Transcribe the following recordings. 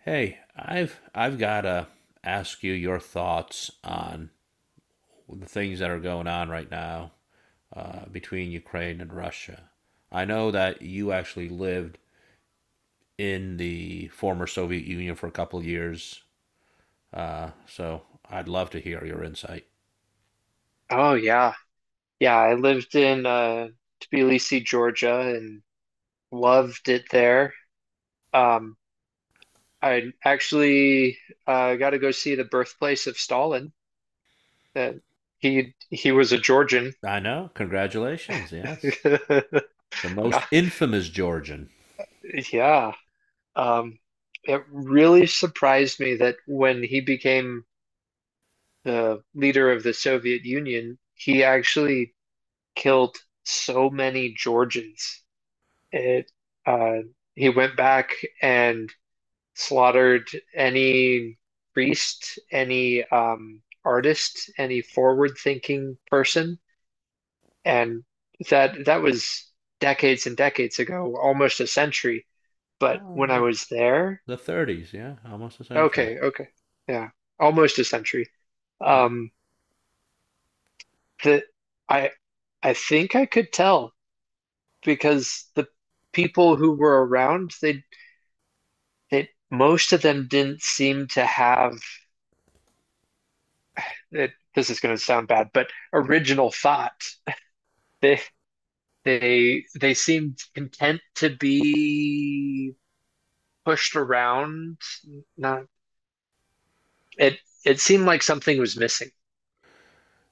Hey, I've got to ask you your thoughts on the things that are going on right now between Ukraine and Russia. I know that you actually lived in the former Soviet Union for a couple of years, so I'd love to hear your insight. Oh yeah. Yeah, I lived in Tbilisi, Georgia, and loved it there. Um I actually got to go see the birthplace of Stalin. That he was a Georgian. I know. Congratulations. Yes, the most Nah, infamous Georgian. yeah. Um it really surprised me that when he became the leader of the Soviet Union, he actually killed so many Georgians. It uh he went back and slaughtered any priest, any artist, any forward-thinking person, and that was decades and decades ago, almost a century. But Well, when I was there, the 30s. Yeah, almost a century. okay, okay, yeah, almost a century. Yeah. Um, that I I think I could tell because the people who were around, they most of them didn't seem to have it, this is going to sound bad, but original thought. They they seemed content to be pushed around. Not it it seemed like something was missing.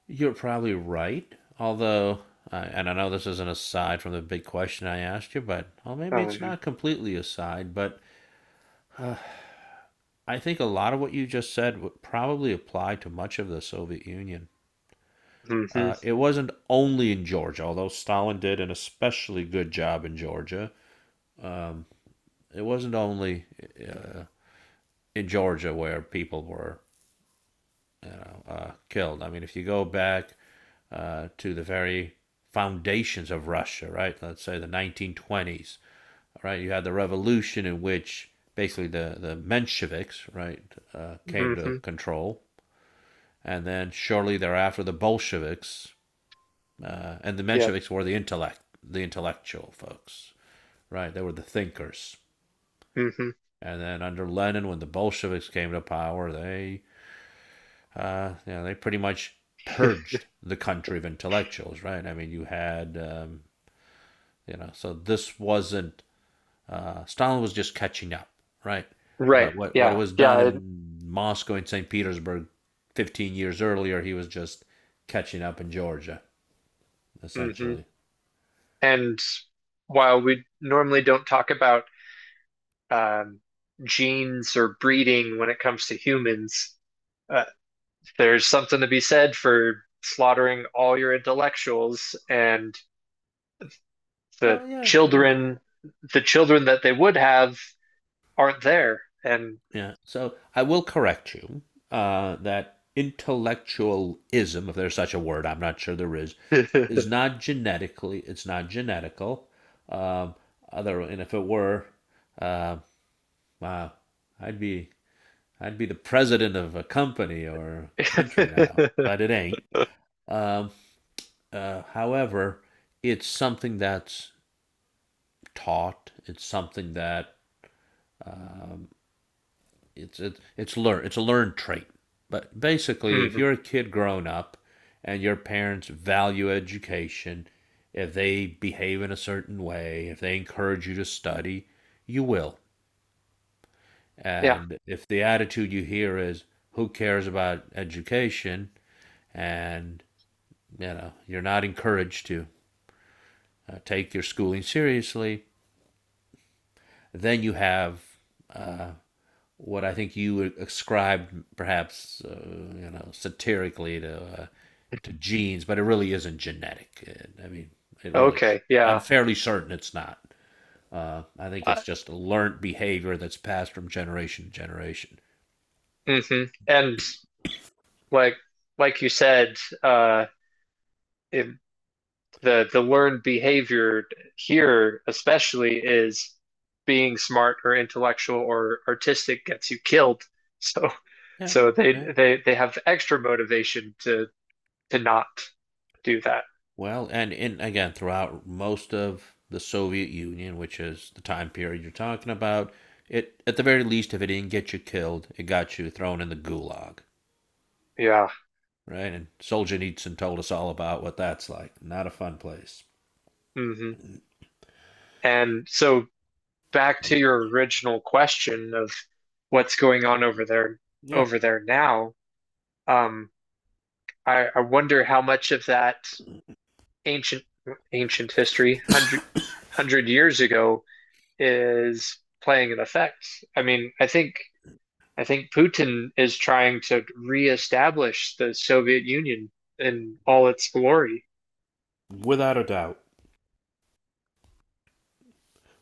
You're probably right. Although, and I know this is not aside from the big question I asked you, but well, maybe Oh it's yeah. not completely aside. But uh, I think a lot of what you just said would probably apply to much of the Soviet Union. Mm-hmm. It wasn't only in Georgia, although Stalin did an especially good job in Georgia. It wasn't only in Georgia where people were killed. I mean, if you go back to the very foundations of Russia, right? Let's say the 1920s, right? You had the revolution in which basically the Mensheviks, right, came to Mm-hmm. control. And then shortly thereafter, the Bolsheviks, and the Yep. Mensheviks were the intellectual folks, right? They were the thinkers. Mm-hmm. And then under Lenin, when the Bolsheviks came to power, they pretty much purged the country of intellectuals, right? I mean, you had, you know, so this wasn't, Stalin was just catching up, right? Right. What Yeah. was done Yeah. it- in Moscow and St. Petersburg 15 years earlier, he was just catching up in Georgia, mhm. essentially. And while we normally don't talk about um, genes or breeding when it comes to humans, uh, there's something to be said for slaughtering all your intellectuals, and the Well, yeah. children the children that they would have aren't there, and Yeah. So I will correct you that intellectualism, if there's such a word, I'm not sure there is mhm. not genetically, it's not genetical. Um, other, and if it were, uh, wow, I'd be I'd be the president of a company or country now, but it ain't. Um, however, it's something that's taught. It's something that it's a learned trait. But basically, if you're a kid growing up and your parents value education, if they behave in a certain way, if they encourage you to study, you will. Yeah, And if the attitude you hear is who cares about education and you know, you're not encouraged to take your schooling seriously, then you have uh, what I think you would ascribe perhaps you know satirically to genes, but it really isn't genetic. I mean, okay, I'm yeah, fairly certain it's not. I think it's uh, just a learned behavior that's passed from generation to generation. mhm. And like like you said, uh it, the learned behavior here especially is being smart or intellectual or artistic gets you killed. so Yeah, so they yeah. they they have extra motivation to not do that. Well, and in again throughout most of the Soviet Union, which is the time period you're talking about, it at the very least, if it didn't get you killed, it got you thrown in the gulag, Yeah. right? And Solzhenitsyn Nietzsche told us all about what that's like. Not a fun place. Hmm. And so back to your original question of what's going on over there, Yeah, over there now, um I wonder how much of that ancient ancient history hundred hundred years ago is playing an effect. I mean, I think Putin is trying to reestablish the Soviet Union in all its glory. without a doubt.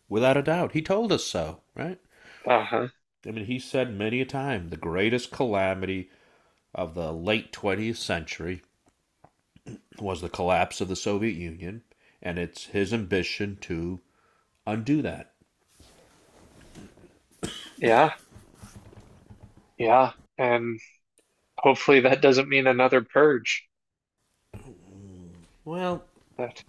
Without a doubt. He told us so, right? Uh-huh. I mean, he said many a time the greatest calamity of the late 20th century was the collapse of the Soviet Union, and it's his ambition to undo that. Yeah. Yeah. And hopefully that doesn't mean another purge. Well, But.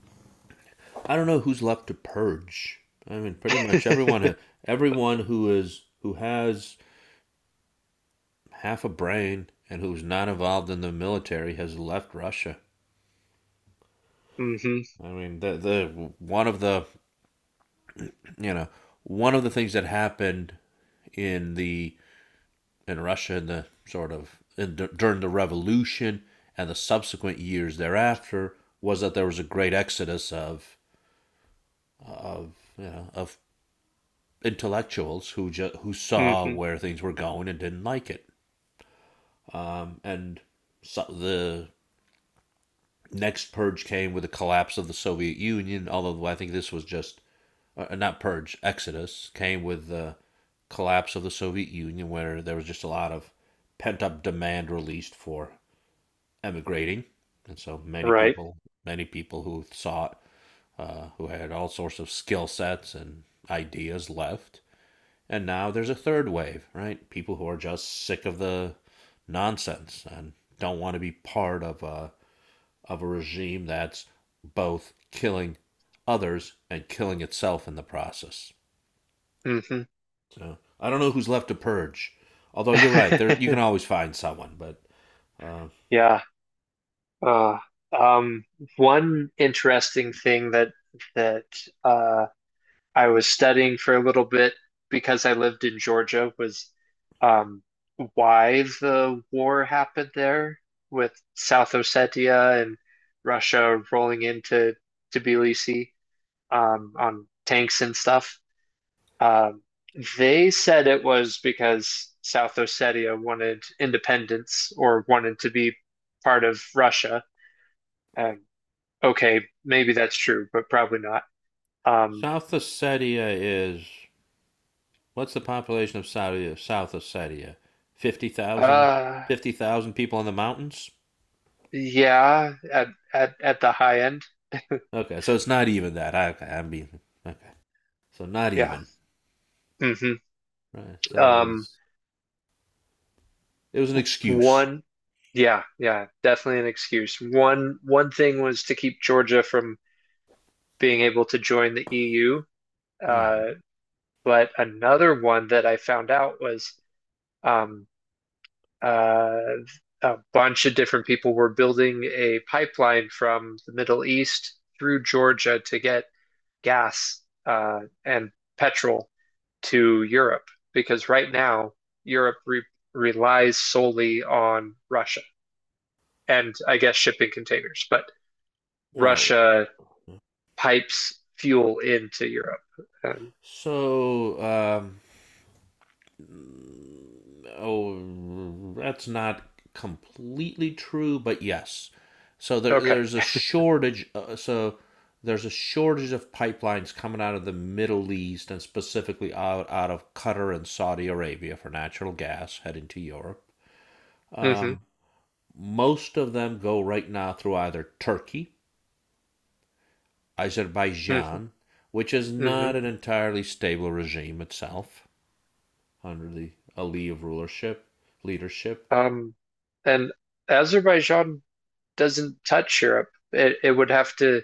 I don't know who's left to purge. I mean, pretty much everyone who is who has half a brain and who's not involved in the military has left Russia. Mm-hmm. I mean, the one of the you know one of the things that happened in the in Russia in the sort of during the revolution and the subsequent years thereafter was that there was a great exodus of you know of intellectuals who saw Mm-hmm. where things were going and didn't like it and so the next purge came with the collapse of the Soviet Union. Although I think this was just not purge, Exodus came with the collapse of the Soviet Union, where there was just a lot of pent up demand released for emigrating, and Right. Many people who sought, who had all sorts of skill sets and ideas left. And now there's a third wave, right? People who are just sick of the nonsense and don't want to be part of a regime that's both killing others and killing itself in the process. Mm-hmm. So I don't know who's left to purge. Although you're right, there you can always find someone. But uh, yeah. Uh, um, one interesting thing that uh, I was studying for a little bit because I lived in Georgia was um, why the war happened there with South Ossetia and Russia rolling into Tbilisi, on tanks and stuff. Um, they said it was because South Ossetia wanted independence or wanted to be part of Russia. And okay, maybe that's true, but probably not. Um, South Ossetia is what's the population of Saudi South Ossetia? 50,000? uh, 50,000 people in the mountains? Yeah, at the high end. Okay, so it's not even that. Okay, I mean, okay, so not Yeah. even. Hmm. Right. So Um, it was an excuse. one, yeah, yeah, definitely an excuse. One thing was to keep Georgia from being able to join the EU. Uh, Hmm. but another one that I found out was um, uh, a bunch of different people were building a pipeline from the Middle East through Georgia to get gas and petrol to Europe, because right now Europe re relies solely on Russia and, I guess, shipping containers, but Well, Russia pipes fuel into Europe. Um, so oh, that's not completely true, but yes. So okay. there's a shortage. So there's a shortage of pipelines coming out of the Middle East and specifically out of Qatar and Saudi Arabia for natural gas heading to Europe. Hmm. Most of them go right now through either Turkey, Hmm. Azerbaijan, which is Hmm. not an entirely stable regime itself under the Aliyev rulership, leadership, Um, and Azerbaijan doesn't touch Europe. It would have to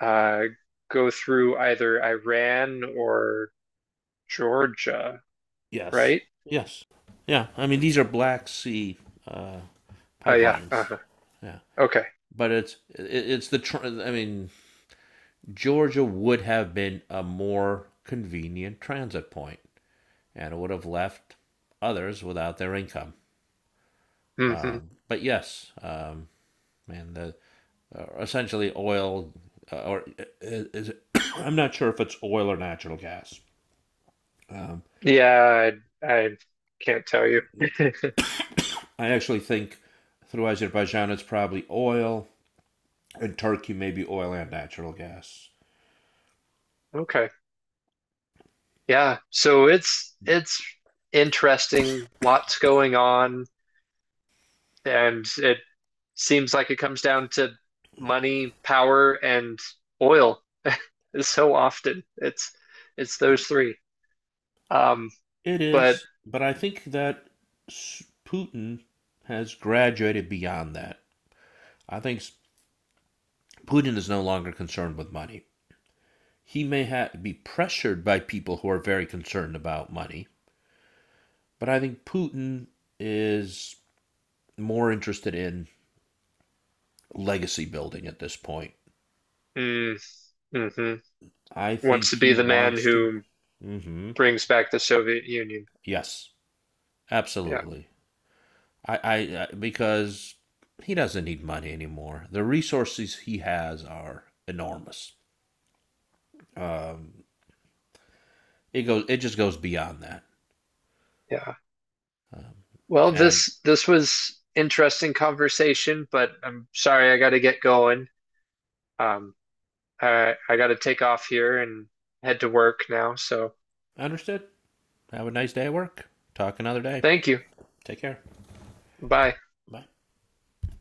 uh, go through either Iran or Georgia, yes. right? Yes. Yeah. I mean, these are Black Sea uh, Oh, yeah. pipelines. Uh-huh. Yeah. Okay. But it's I mean, Georgia would have been a more convenient transit point, and it would have left others without their income. Hmm. But yes, man, the essentially oil is it, I'm not sure if it's oil or natural gas. Um, Yeah, I can't tell you. I actually think through Azerbaijan it's probably oil and Turkey may be oil and natural gas. Okay. Yeah. So it's interesting, lots going on, and it seems like it comes down to money, power, and oil. So often it's those three. Um, It but is, but I think that Putin has graduated beyond that. I think Putin is no longer concerned with money. He be pressured by people who are very concerned about money, but I think Putin is more interested in legacy building at this point. mm, hmm. I think Wants to be he the man wants to. who Hmm. brings back the Soviet Union. Yes, Yeah. absolutely. I, I, I because he doesn't need money anymore. The resources he has are enormous. Um, it just goes beyond that. Yeah. Um, Well, and this was interesting conversation, but I'm sorry I got to get going. Um, I got to take off here and head to work now. So understood. Have a nice day at work. Talk another day. thank you. Take care. Bye. Bye.